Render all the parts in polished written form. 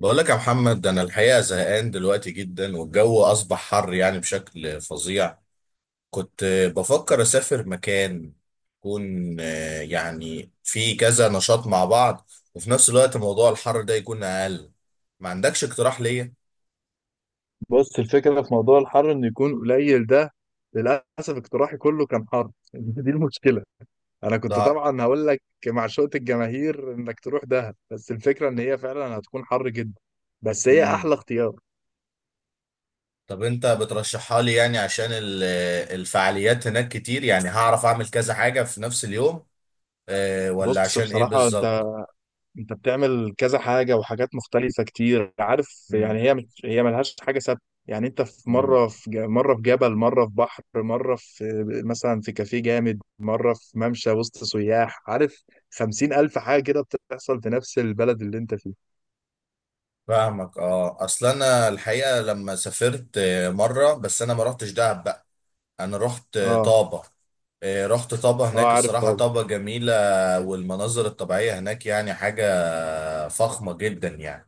بقول لك يا محمد، انا الحقيقه زهقان دلوقتي جدا، والجو اصبح حر يعني بشكل فظيع. كنت بفكر اسافر مكان يكون يعني فيه كذا نشاط مع بعض، وفي نفس الوقت موضوع الحر ده يكون اقل. ما عندكش اقتراح ليا؟ بص، الفكرة في موضوع الحر إنه يكون قليل ده. للأسف اقتراحي كله كان حر دي المشكلة. أنا كنت لا. طبعا هقول لك معشوقة الجماهير إنك تروح دهب، بس الفكرة إن هي فعلا هتكون حر جدا. بس هي امم. أحلى اختيار. طب انت بترشحها لي يعني عشان الفعاليات هناك كتير، يعني هعرف اعمل كذا حاجه في نفس اليوم؟ ولا بص، عشان ايه بصراحة، بالظبط؟ انت بتعمل كذا حاجة وحاجات مختلفة كتير، عارف، يعني هي مش، هي ملهاش حاجة ثابتة. يعني انت في امم. مرة مرة في جبل، مرة في بحر، مرة في مثلا في كافيه جامد، مرة في ممشى وسط سياح، عارف، 50,000 حاجة كده بتحصل في نفس البلد اللي انت فيه. فاهمك. اه اصل انا الحقيقه لما سافرت مره، بس انا ما رحتش دهب بقى. انا رحت اه. طابه. رحت طابه، اه، هناك عارف الصراحه طبعا. طابه جميله. والمناظر الطبيعيه هناك يعني حاجه فخمه جدا يعني.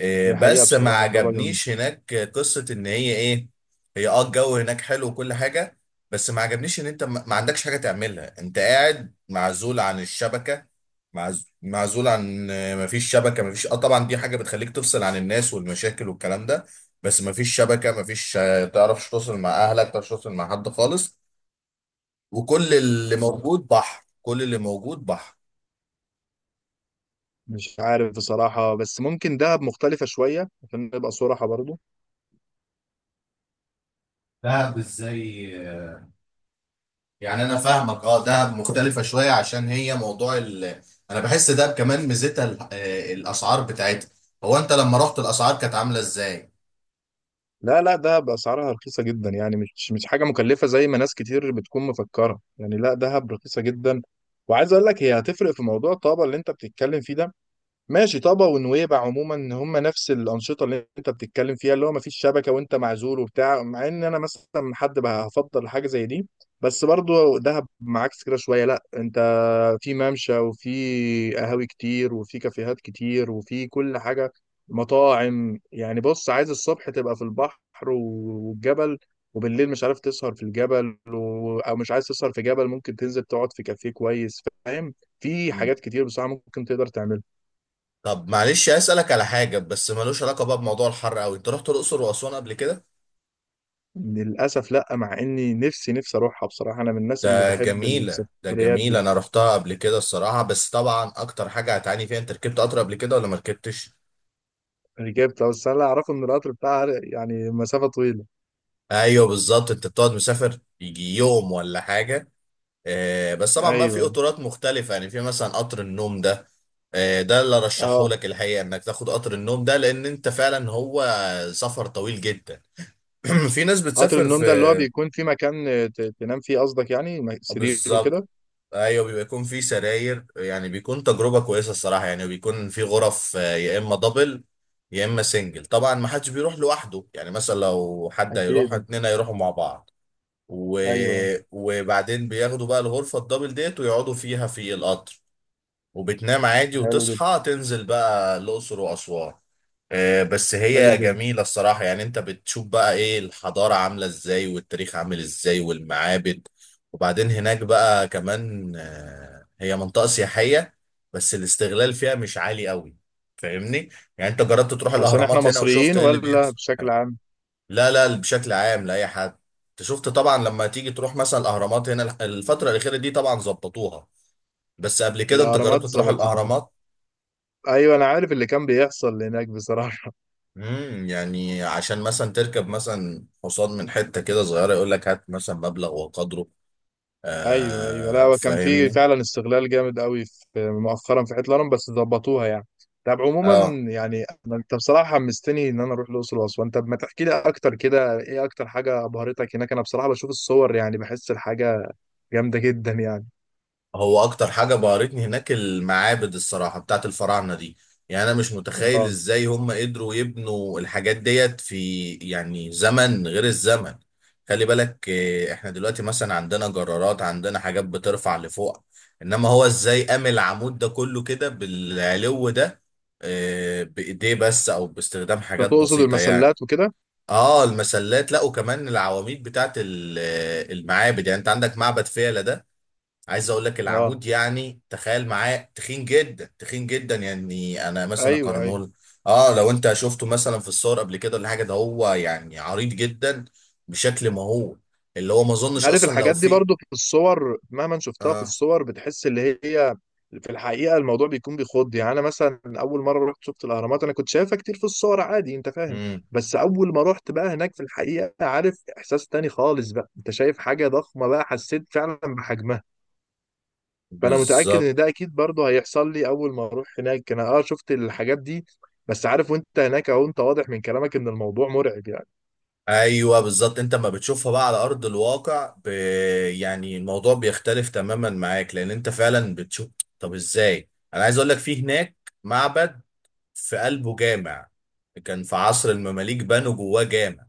دي حقيقة بس ما بصراحة طبعا. عجبنيش هناك، قصة ان هي ايه. هي الجو هناك حلو وكل حاجة. بس ما عجبنيش ان انت ما عندكش حاجة تعملها، انت قاعد معزول عن الشبكة. معزول عن ما فيش شبكة، ما فيش اه طبعا دي حاجة بتخليك تفصل عن الناس والمشاكل والكلام ده. بس ما فيش شبكة، ما فيش آه، تعرفش توصل مع اهلك، تعرفش توصل مع حد خالص. وكل اللي بالظبط موجود بحر، كل اللي موجود بحر. مش عارف بصراحة، بس ممكن دهب مختلفة شوية عشان نبقى صراحة برضو. دهب ازاي؟ يعني انا فاهمك. اه دهب مختلفه شويه عشان هي موضوع انا بحس دهب كمان ميزتها ال... آه، الاسعار بتاعتها. هو انت لما رحت الاسعار كانت عامله ازاي؟ لا، لا، دهب اسعارها رخيصه جدا، يعني مش حاجه مكلفه زي ما ناس كتير بتكون مفكره، يعني لا، دهب رخيصه جدا. وعايز اقول لك هي هتفرق في موضوع طابا اللي انت بتتكلم فيه ده. ماشي، طابا ونويبع عموما هم نفس الانشطه اللي انت بتتكلم فيها، اللي هو مفيش شبكه وانت معزول وبتاع، مع ان انا مثلا حد بقى هفضل حاجه زي دي. بس برضو دهب معاكس كده شويه، لا انت في ممشى وفي قهاوي كتير وفي كافيهات كتير وفي كل حاجة، مطاعم. يعني بص، عايز الصبح تبقى في البحر والجبل، وبالليل مش عارف تسهر في الجبل، و... او مش عايز تسهر في جبل ممكن تنزل تقعد في كافيه كويس، فاهم؟ في مم. حاجات كتير بصراحة ممكن تقدر تعملها. طب معلش، اسالك على حاجه بس ملوش علاقه بقى بموضوع الحر قوي. انت رحت الاقصر واسوان قبل كده؟ للأسف لا، مع اني نفسي نفسي اروحها بصراحة، انا من الناس اللي ده بحب جميله، ده السفريات جميله، دي. انا رحتها قبل كده الصراحه. بس طبعا اكتر حاجه هتعاني فيها، انت ركبت قطر قبل كده ولا ما ركبتش؟ ركبت، بس انا اعرفه ان القطر بتاعها يعني مسافة طويلة. ايوه بالظبط. انت بتقعد مسافر يجي يوم ولا حاجه. بس طبعا بقى في ايوه. قطارات مختلفة، يعني في مثلا قطر النوم ده. ده اللي رشحه اه، لك الحقيقة انك تاخد قطر النوم ده، لان انت فعلا هو سفر طويل جدا. في ناس قطر بتسافر في النوم ده اللي هو بيكون في مكان تنام فيه قصدك، يعني سرير بالظبط. وكده. ايوه بيبقى يكون في سراير، يعني بيكون تجربة كويسة الصراحة. يعني بيكون في غرف يا اما دبل، يا اما سنجل. طبعا ما حدش بيروح لوحده، يعني مثلا لو حد أكيد هيروح أكيد. اتنين هيروحوا مع بعض و... أيوه. وبعدين بياخدوا بقى الغرفة الدبل ديت، ويقعدوا فيها في القطر. وبتنام عادي، حلو جدا. وتصحى تنزل بقى الأقصر وأسوان. بس حلو هي جدا. جميلة الصراحة. يعني انت بتشوف بقى ايه الحضارة عاملة ازاي، والتاريخ عامل ازاي، والمعابد. وبعدين هناك بقى كمان هي منطقة سياحية. بس الاستغلال فيها مش عالي قوي. فاهمني. يعني انت جربت تروح عشان إحنا الأهرامات هنا وشفت مصريين ايه اللي ولا بيحصل؟ بشكل عام؟ لا، لا، بشكل عام لأي حد. انت شفت طبعا لما تيجي تروح مثلا الأهرامات هنا، الفترة الأخيرة دي طبعا ظبطوها. بس قبل كده انت جربت الأهرامات تروح ظبطت طبعا. الأهرامات؟ أيوه أنا عارف اللي كان بيحصل هناك بصراحة. يعني عشان مثلا تركب مثلا حصان من حتة كده صغيرة يقول لك هات مثلا مبلغ وقدره. أيوه أيوه، لا هو كان في فاهمني. فعلا استغلال جامد قوي في مؤخرا في حتة الهرم، بس ظبطوها يعني. طب عموما، اه يعني أنت بصراحة حمستني إن أنا أروح الأقصر وأسوان. طب ما تحكي لي أكتر كده إيه أكتر حاجة أبهرتك هناك؟ أنا بصراحة بشوف الصور يعني بحس الحاجة جامدة جدا يعني. هو اكتر حاجه بهرتني هناك المعابد الصراحه، بتاعت الفراعنه دي. يعني انا مش متخيل اه. ازاي هم قدروا يبنوا الحاجات ديت في يعني زمن غير الزمن. خلي بالك، احنا دلوقتي مثلا عندنا جرارات، عندنا حاجات بترفع لفوق. انما هو ازاي قام العمود ده كله كده بالعلو ده. بايديه بس، او باستخدام انت حاجات تقصد بسيطه يعني. المسلات وكده؟ اه المسلات، لا وكمان العواميد بتاعت المعابد. يعني انت عندك معبد فيلة ده. عايز اقول لك اه. العمود يعني تخيل معاه تخين جدا، تخين جدا، يعني انا مثلا ايوه ايوه، اقارنه. اه لو انت شفته مثلا في الصور قبل كده ولا حاجه، ده هو يعني عريض جدا بشكل مهول. اللي هو ما اظنش عارف اصلا لو الحاجات دي في... برضو في الصور، مهما شفتها في اه. الصور بتحس اللي هي في الحقيقه الموضوع بيكون بيخض. يعني انا مثلا اول مره رحت شفت الاهرامات انا كنت شايفها كتير في الصور عادي، انت فاهم؟ امم. بس اول ما رحت بقى هناك في الحقيقه، عارف، احساس تاني خالص بقى، انت شايف حاجه ضخمه بقى حسيت فعلا بحجمها. فانا متاكد بالظبط. ان ده اكيد برضو هيحصل لي اول ما اروح هناك، انا اه شفت الحاجات دي، بس عارف وانت هناك اهو انت واضح من كلامك ان الموضوع مرعب ايوه بالظبط، انت ما بتشوفها بقى على ارض الواقع ب... يعني الموضوع بيختلف تماما معاك، لان انت فعلا بتشوف. طب ازاي. انا عايز اقول لك في هناك معبد، في قلبه جامع. كان في عصر المماليك بنوا جواه جامع.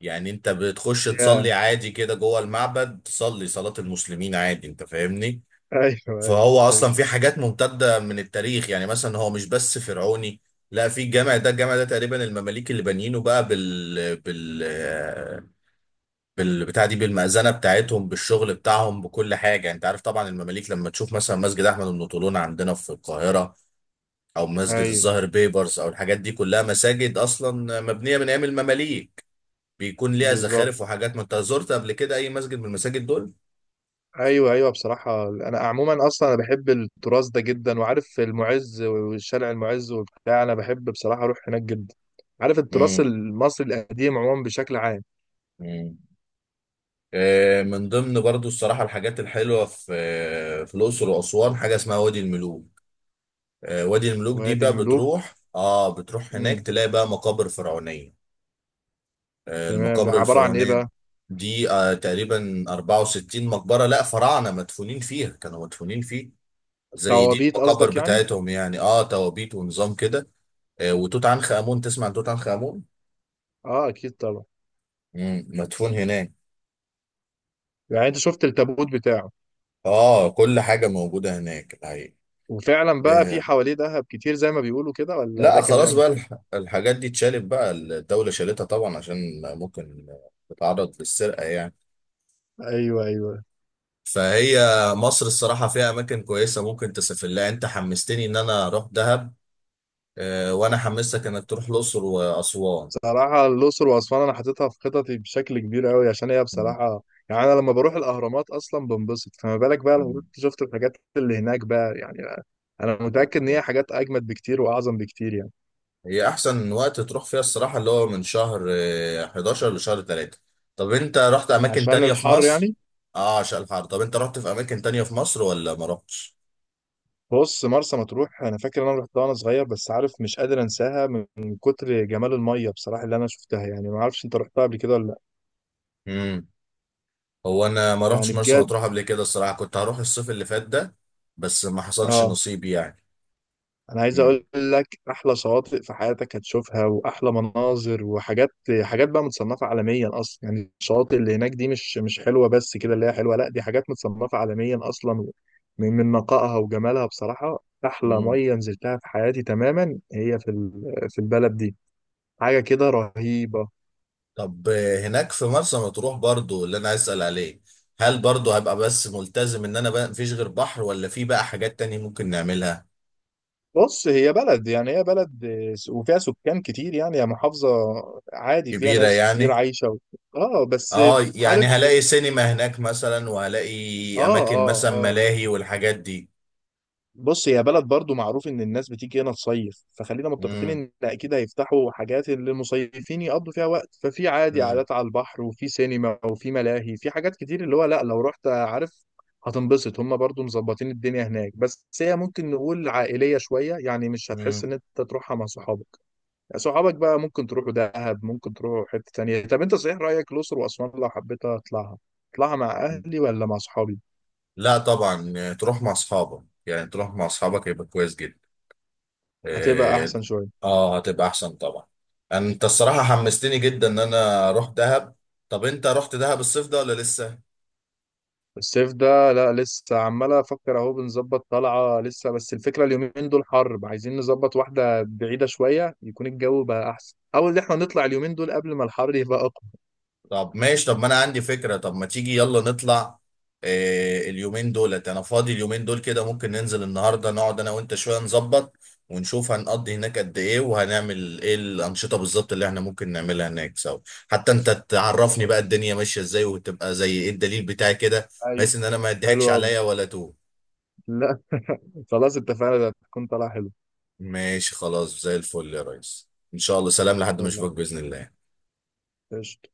يعني انت بتخش تصلي يعني. عادي كده جوه المعبد، تصلي صلاة المسلمين عادي، انت فاهمني. ايوه ايوه فهو اصلا ايوه. في حاجات ممتدة من التاريخ، يعني مثلا هو مش بس فرعوني. لا، في الجامع ده، تقريبا المماليك اللي بانيينه بقى بال بال بال بتاع دي، بالمأذنة بتاعتهم، بالشغل بتاعهم، بكل حاجة. يعني انت عارف طبعا المماليك لما تشوف مثلا مسجد احمد بن طولون عندنا في القاهرة، او مسجد ايوه الزهر بيبرس، او الحاجات دي كلها مساجد اصلا مبنيه من ايام المماليك. بيكون ليها بالظبط. زخارف وحاجات. ما انت زرت قبل كده اي مسجد من المساجد دول. ايوه ايوه، بصراحه انا عموما اصلا انا بحب التراث ده جدا، وعارف المعز والشارع المعز وبتاع، انا بحب بصراحه اروح هناك جدا، عارف، التراث امم. المصري القديم عموما بشكل عام. امم. من ضمن برضو الصراحه الحاجات الحلوه في في الاقصر واسوان حاجه اسمها وادي الملوك. وادي الملوك دي وادي بقى الملوك. بتروح هناك امم. تلاقي بقى مقابر فرعونيه. تمام، ده المقابر عباره عن ايه الفرعونيه بقى؟ دي تقريبا 64 مقبره، لا فراعنه مدفونين فيها، كانوا مدفونين فيه. زي دي توابيت المقابر قصدك يعني؟ بتاعتهم يعني، توابيت ونظام كده. وتوت عنخ امون. تسمع عن توت عنخ امون؟ اه اكيد طبعا. مم. مدفون هناك. يعني انت شفت التابوت بتاعه؟ اه، كل حاجه موجوده هناك الحقيقه. وفعلا بقى في آه حواليه ذهب كتير زي ما بيقولوا كده ولا لا ده خلاص كلام؟ بقى، الحاجات دي اتشالت بقى. الدوله شالتها طبعا عشان ممكن تتعرض للسرقه يعني. ايوه ايوه. فهي مصر الصراحه فيها اماكن كويسه ممكن تسافر لها. انت حمستني ان انا اروح دهب، وانا حمستك انك تروح الاقصر واسوان. بصراحة الأقصر وأسوان أنا حاططها في خططي بشكل كبير أوي، عشان هي مم. بصراحة، يعني أنا لما بروح الأهرامات أصلا بنبسط، فما بالك بقى لما رحت شفت الحاجات اللي هناك بقى يعني. أنا متأكد إن مم. هي حاجات أجمد بكتير وأعظم بكتير يعني. هي احسن وقت تروح فيها الصراحه اللي هو من شهر 11 لشهر 3. طب انت رحت اماكن عشان تانية في الحر مصر؟ يعني. اه عشان الحر. طب انت رحت في اماكن تانية في مصر ولا ما رحتش؟ بص، مرسى مطروح أنا فاكر إن أنا رحتها وأنا صغير، بس عارف مش قادر أنساها من كتر جمال المية بصراحة اللي أنا شفتها. يعني ما أعرفش أنت رحتها قبل كده ولا لأ. امم. هو انا ما رحتش يعني مرسى بجد. مطروح قبل كده الصراحه. كنت هروح الصيف اللي فات ده، بس ما حصلش آه، نصيب يعني. انا عايز امم. اقول لك احلى شواطئ في حياتك هتشوفها، واحلى مناظر وحاجات، حاجات بقى متصنفه عالميا اصلا. يعني الشواطئ اللي هناك دي، مش مش حلوه بس كده اللي هي حلوه، لا دي حاجات متصنفه عالميا اصلا، من نقائها وجمالها بصراحه. احلى امم. ميه نزلتها في حياتي تماما هي في البلد دي. حاجه كده رهيبه. طب هناك في مرسى مطروح برضو اللي انا عايز اسال عليه، هل برضو هبقى بس ملتزم ان انا بقى مفيش غير بحر، ولا في بقى حاجات تانية ممكن نعملها؟ بص هي بلد، يعني هي بلد آه، وفيها سكان كتير، يعني هي محافظه عادي فيها كبيرة ناس كتير يعني؟ عايشه. و... اه بس. اه، يعني عارف. هلاقي سينما هناك مثلا، اه وهلاقي اماكن اه. مثلا اه. ملاهي والحاجات دي؟ بص هي بلد برضو معروف ان الناس بتيجي هنا تصيف، فخلينا متفقين امم. ان اكيد هيفتحوا حاجات اللي المصيفين يقضوا فيها وقت، ففي عادي امم. قعدات على البحر وفي سينما وفي ملاهي، في حاجات كتير، اللي هو لا لو رحت عارف هتنبسط، هم برضو مظبطين الدنيا هناك. بس هي ممكن نقول عائلية شوية، يعني مش هتحس امم. ان انت تروحها مع صحابك. صحابك بقى ممكن تروحوا دهب، ممكن تروحوا حتة تانية. طب انت صحيح رأيك الأقصر وأسوان، لو حبيت اطلعها اطلعها مع اهلي ولا مع صحابي؟ لا طبعا، تروح مع اصحابك، يعني تروح مع اصحابك يبقى كويس جدا. هتبقى اه. احسن شوية. هتبقى احسن طبعا. انت الصراحة حمستني جدا ان انا اروح دهب. طب انت رحت دهب الصيف ده ولا لسه؟ الصيف ده لا لسه، عمال افكر اهو بنظبط طلعه لسه، بس الفكره اليومين دول حر، عايزين نظبط واحده بعيده شويه يكون الجو بقى احسن، او ان احنا نطلع اليومين دول قبل ما الحر يبقى اقوى. طب ماشي، طب ما انا عندي فكرة، طب ما تيجي يلا نطلع. اليومين دولت انا فاضي، اليومين دول كده ممكن ننزل النهاردة، نقعد انا وانت شوية نظبط، ونشوف هنقضي هناك قد ايه، وهنعمل ايه الانشطة بالظبط اللي احنا ممكن نعملها هناك سوا. حتى انت تعرفني خلاص. بقى الدنيا ماشية ازاي، وتبقى زي ايه الدليل بتاعي كده، ايوه. بحيث ان انا ما حلو اديهاكش قوي. عليا ولا تو. لا، خلاص اتفقنا، ده هتكون طلعه حلوه. ماشي خلاص، زي الفل يا ريس. ان شاء الله، سلام لحد ما طب لا. اشوفك بإذن الله. قشطة.